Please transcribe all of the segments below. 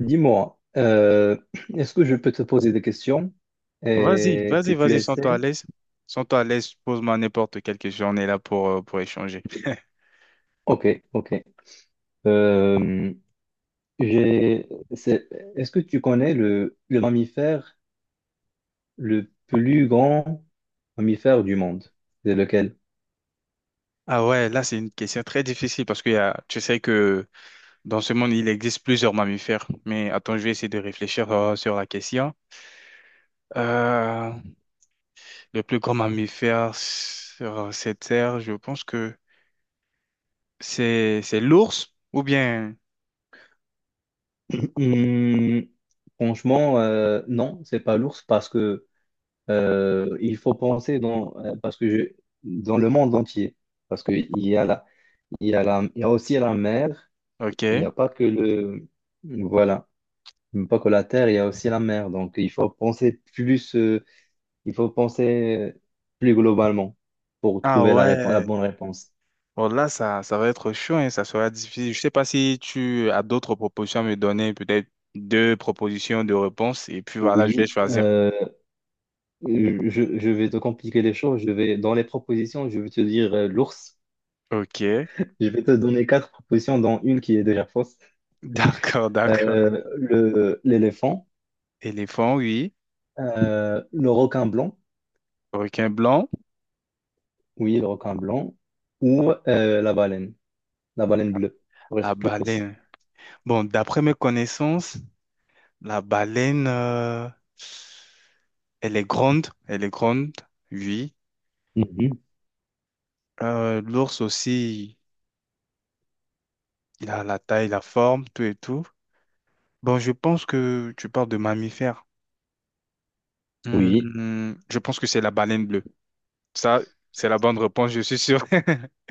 Dis-moi, euh, Est-ce que je peux te poser des questions Vas-y, et que vas-y, tu vas-y, sens-toi à essaies? l'aise. Sens-toi à l'aise, pose-moi n'importe quelle question, on est là pour échanger. Ok, ok. Euh, j'ai, c'est- est-ce que tu connais le mammifère le plus grand mammifère du monde? C'est lequel? Ah ouais, là, c'est une question très difficile parce que y a, tu sais que dans ce monde, il existe plusieurs mammifères. Mais attends, je vais essayer de réfléchir sur la question. Euh, le plus grand mammifère sur cette terre, je pense que c'est l'ours ou bien... Hmm, Franchement, non, c'est pas l'ours parce que il faut penser dans le monde entier, parce que il y a aussi la mer. Ok. Il n'y a pas que le... Voilà. Pas que la terre, il y a aussi la mer. Donc, il faut penser plus, il faut penser plus globalement pour Ah trouver la la ouais. bonne réponse. Bon, là, ça va être chaud et ça sera difficile. Je sais pas si tu as d'autres propositions à me donner, peut-être deux propositions de réponse, et puis voilà, je vais Oui, choisir. Je vais te compliquer les choses. Je vais, dans les propositions, je vais te dire l'ours. Ok, Je vais te donner quatre propositions, dont une qui est déjà fausse. d'accord, d'accord. L'éléphant, Éléphant, oui. Le requin blanc, Requin blanc, oui, le requin blanc, ou la baleine bleue, pour la être plus précis. baleine. Bon, d'après mes connaissances, la baleine, elle est grande, oui. Mhm. L'ours aussi, il a la taille, la forme, tout et tout. Bon, je pense que tu parles de mammifères. Oui, Hmm, je pense que c'est la baleine bleue. Ça, c'est la bonne réponse, je suis sûr.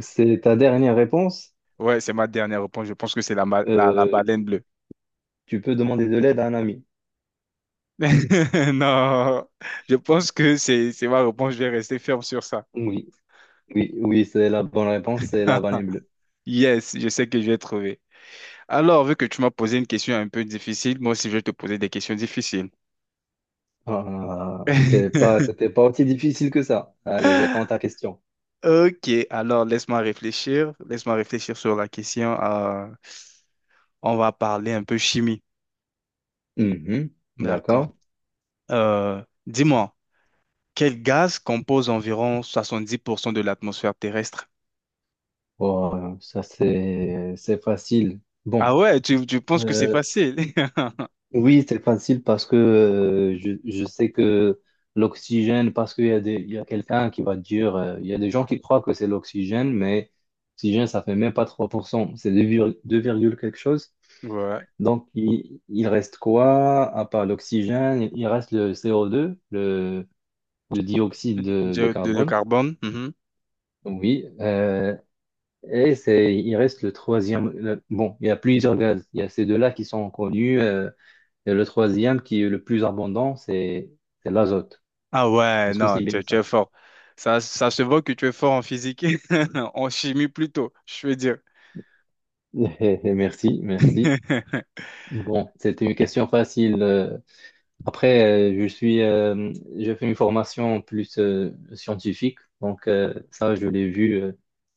c'est ta dernière réponse. Ouais, c'est ma dernière réponse. Je pense que c'est la, la Euh, baleine bleue. Tu peux demander de l'aide à un ami. Non, je pense que c'est ma réponse. Je vais rester ferme sur ça. Oui, oui, oui, c'est la bonne réponse, c'est la banane bleue. Yes, je sais que je vais trouver. Alors, vu que tu m'as posé une question un peu difficile, moi aussi je vais te poser des questions difficiles. Ah, c'est pas, c'était pas aussi difficile que ça. Allez, j'attends ta question. Ok, alors laisse-moi réfléchir. Laisse-moi réfléchir sur la question. On va parler un peu chimie. Mhm, D'accord. d'accord. Dis-moi. Quel gaz compose environ 70% de l'atmosphère terrestre? Bon, ça c'est facile. Ah ouais, tu penses que c'est euh, facile? Oui, c'est facile parce que je sais que l'oxygène, parce qu'il y a des, il y a quelqu'un qui va dire, il y a des gens qui croient que c'est l'oxygène, mais l'oxygène, ça fait même pas 3%, c'est 2, 2 virgule quelque chose. Ouais. Donc, il reste quoi à part l'oxygène? Il reste le CO2, le dioxyde de Diode de carbone. carbone. Mhm. Oui, et c'est, il reste le troisième. Bon, il y a plusieurs gaz. Il y a ces deux-là qui sont connus. Et le troisième qui est le plus abondant, c'est l'azote. Ah ouais, Est-ce que non, c'est bien tu ça? es fort. Ça se voit que tu es fort en physique, en chimie plutôt, je veux dire. Merci, merci. Bon, c'était une question facile. Après, j'ai fait une formation plus scientifique, donc ça, je l'ai vu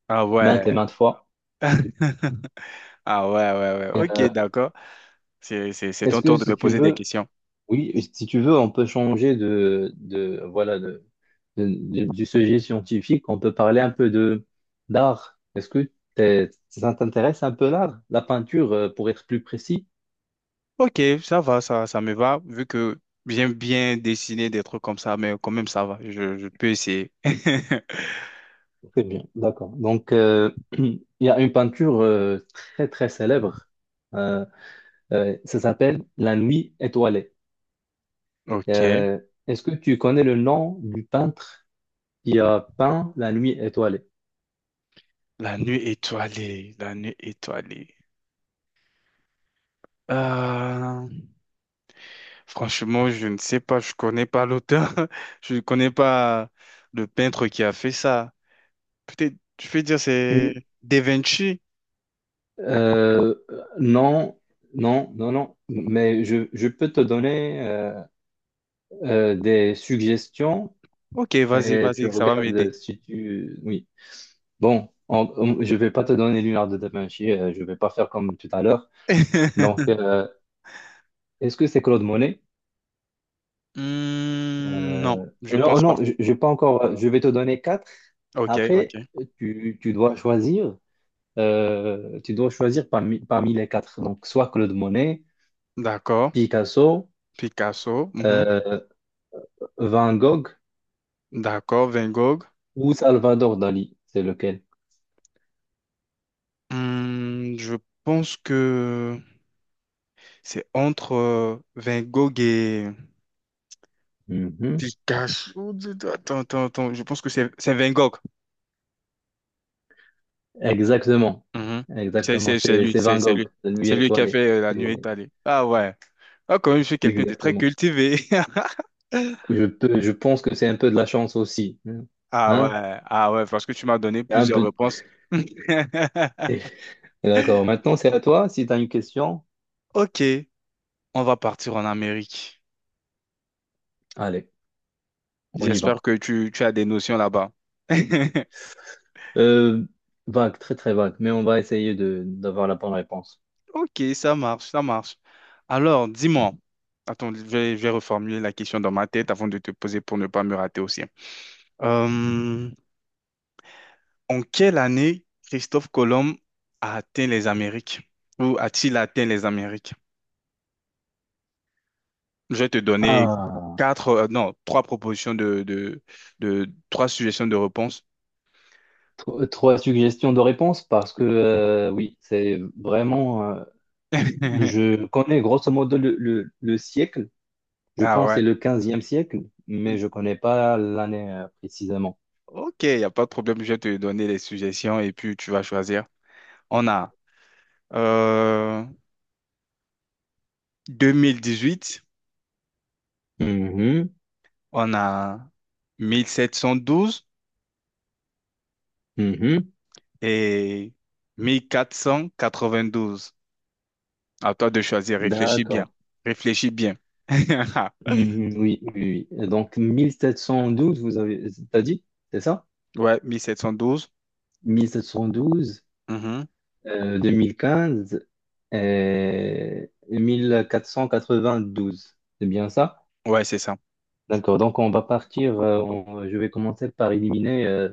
Ah maintes et ouais. maintes fois. Ah ouais, ouais, ouais. Ok, Euh, d'accord. C'est ton est-ce que tour de si me tu poser des veux, questions. oui, si tu veux, on peut changer de voilà, du sujet scientifique, on peut parler un peu de d'art. Est-ce que ça t'intéresse un peu l'art? La peinture, pour être plus précis? Ok, ça va, ça me va, vu que j'aime bien dessiner des trucs comme ça, mais quand même, ça va, je peux essayer. Très bien, d'accord. Donc, il y a une peinture très, très célèbre. Euh, Ça s'appelle La Nuit étoilée. Ok, Euh, Est-ce que tu connais le nom du peintre qui a peint La Nuit étoilée? la nuit étoilée, la nuit étoilée. Euh, Franchement, je ne sais pas, je connais pas l'auteur, je ne connais pas le peintre qui a fait ça. Peut-être, je peux dire c'est Da Vinci. Euh, non, non, non, non. Mais je peux te donner des suggestions. Ok, vas-y, Et tu vas-y, ça va m'aider. regardes si tu... Oui. Bon, je vais pas te donner Léonard de Da Vinci, je vais pas faire comme tout à l'heure. Donc, est-ce que c'est Claude Monet? Hmm, non, Euh, je non, pense pas. non, je vais pas encore... Je vais te donner quatre. Ok, Après, ok. tu, tu dois choisir, tu dois choisir parmi les quatre. Donc, soit Claude Monet, D'accord. Picasso, Picasso. Mhm. euh, Van Gogh D'accord. Van Gogh. ou Salvador Dali. C'est lequel? Hmm, je pense que c'est entre Van Gogh et Mhm. Picasso. Attends, attends, attends. Je pense que c'est Van Gogh. Exactement. Mhm. C'est Exactement. c'est- c'est C'est, lui, c'est c'est Van c'est lui. Gogh, La nuit C'est lui qui a étoilée. fait la C'est- nuit étalée. Ah ouais. Ah, quand même, je suis quelqu'un de très Exactement. cultivé. Je pense que c'est un peu de la chance aussi. Ah Hein? ouais, ah ouais, parce que tu m'as donné Un plusieurs peu. réponses. Eh, D'accord. Maintenant, c'est à toi. Si tu as une question, Ok, on va partir en Amérique. allez, on y J'espère va. que tu as des notions là-bas. Euh, Vague, très très vague, mais on va essayer de d'avoir la bonne réponse. Ok, ça marche, ça marche. Alors, dis-moi, attends, je vais reformuler la question dans ma tête avant de te poser pour ne pas me rater aussi. Euh, En quelle année Christophe Colomb a atteint les Amériques? Ou a-t-il atteint les Amériques? Je vais te donner Ah, quatre, non, trois propositions de trois suggestions de réponse. Trois suggestions de réponse parce que oui, c'est vraiment. Je connais grosso modo le siècle. Je Ah pense que ouais. c'est le quinzième siècle, mais je connais pas l'année précisément. Ok, il n'y a pas de problème. Je vais te donner les suggestions et puis tu vas choisir. On a euh, 2018, Mhm, on a 1712 mhm. et 1492. À toi de choisir. Réfléchis bien. D'accord. Réfléchis bien. Mhm, oui, oui, oui. Et donc, 1712, vous avez, t'as dit, c'est ça? Ouais, 1712. 1712, Mhm. 2015 et 1492. C'est bien ça? Ouais, c'est ça. D'accord. Donc, on va partir, je vais commencer par éliminer euh,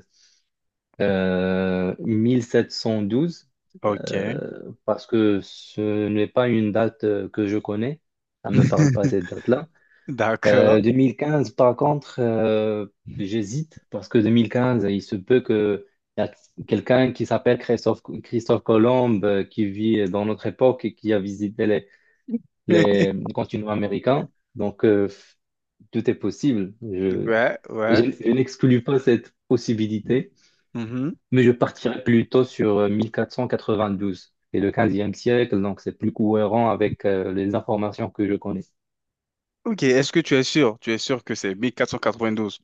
euh, 1712, Ok. Parce que ce n'est pas une date que je connais. Ça ne me parle pas cette date-là. D'accord. 2015, par contre, j'hésite, parce que 2015, il se peut que y a quelqu'un qui s'appelle Christophe Colomb, qui vit dans notre époque et qui a visité les continents américains. Donc, tout est possible. Ouais, ouais. Je n'exclus pas cette possibilité. Mhm. Mais je partirais plutôt sur 1492 et le 15e siècle, donc c'est plus cohérent avec les informations que je connais. Ok, est-ce que tu es sûr? Tu es sûr que c'est 1492?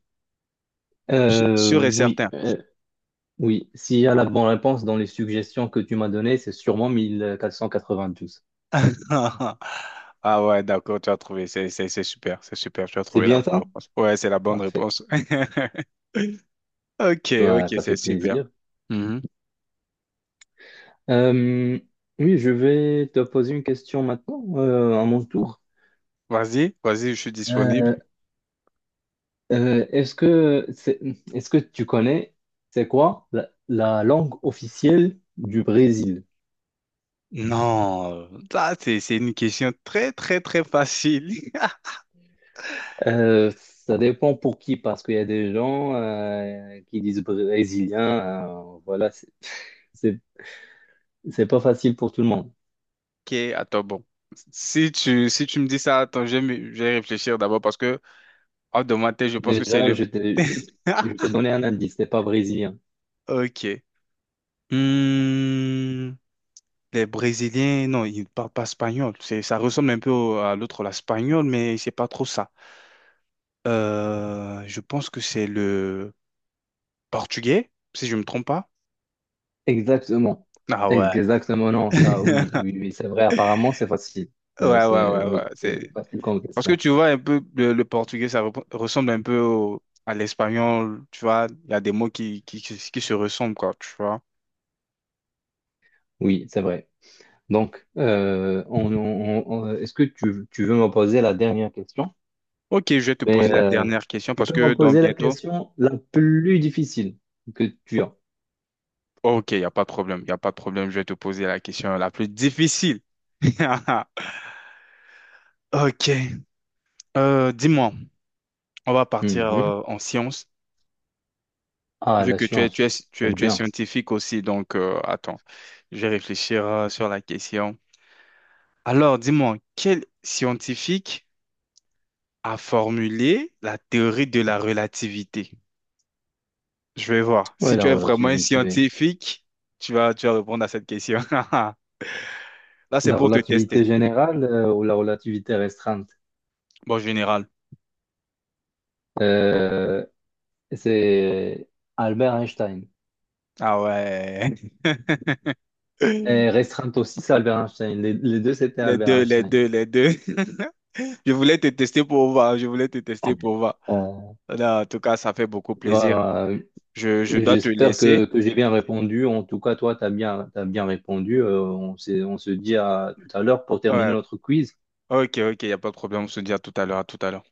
Su- Sûr et Oui, certain. Oui. S'il y a la bonne réponse dans les suggestions que tu m'as données, c'est sûrement 1492. Ah ouais, d'accord, tu as trouvé. C'est super, c'est super. Tu as C'est trouvé la bien bonne ça? réponse. Ouais, c'est la bonne Parfait. réponse. Ok, Voilà, ok, ça c'est fait super. plaisir. Mhm. Euh, oui, je vais te poser une question maintenant, à mon tour. Vas-y, vas-y, je suis disponible. Euh, euh, est-ce que c'est- est-ce que tu connais, c'est quoi la la langue officielle du Brésil? Non, ça c'est une question très très très facile. Ça dépend pour qui, parce qu'il y a des gens qui disent brésilien, voilà, c'est c'est- c'est pas facile pour tout le monde. Ok, attends, bon. Si si tu me dis ça, attends, je vais réfléchir d'abord parce que hors de ma tête, je pense que c'est Déjà, le... je t'ai donné un indice, c'est pas brésilien. Ok. Hmm, les Brésiliens, non, ils ne parlent pas espagnol. C'est, ça ressemble un peu à l'autre, l'espagnol, mais c'est pas trop ça. Je pense que c'est le portugais, si je me trompe pas. Exactement. Ah ouais. Exactement, non, ça, oui, oui, oui, c'est vrai, apparemment, c'est facile. Ouais, ouais, ouais, Oui, c'est ouais. facile comme Parce que question. tu vois un peu le portugais, ça ressemble un peu à l'espagnol, tu vois. Il y a des mots qui se ressemblent, quoi, tu vois. Oui, c'est vrai. Donc, est-ce que tu veux me poser la dernière question? Ok, je vais te poser Mais la dernière question tu parce peux me que dans poser la bientôt. question la plus difficile que tu as. Ok, il n'y a pas de problème, il n'y a pas de problème. Je vais te poser la question la plus difficile. Ok, euh, dis-moi, on va partir Mhm. En sciences, Ah, vu la que science. J'aime tu es bien. scientifique aussi, donc attends, je vais réfléchir sur la question. Alors, dis-moi, quel scientifique à formuler la théorie de la relativité. Je vais voir. Si Oui, la tu es vraiment un relativité. scientifique, tu vas répondre à cette question. Là, c'est La pour te tester. relativité générale ou la relativité restreinte? Bon, général. Euh, c'est Albert Einstein. Ah ouais. Et restreinte aussi, c'est Albert Einstein. Les deux, c'était Les Albert deux, les Einstein. deux, les deux. Je voulais te tester pour voir. Je voulais te tester pour voir. Euh, Là, en tout cas, ça fait beaucoup plaisir. voilà. Je dois te J'espère laisser. que j'ai bien répondu. En tout cas, toi, tu as bien, t'as bien répondu. On se dit à tout à l'heure pour terminer Ouais. notre quiz. Ok, ok, il n'y a pas de problème. On se dit à tout à l'heure, à tout à l'heure.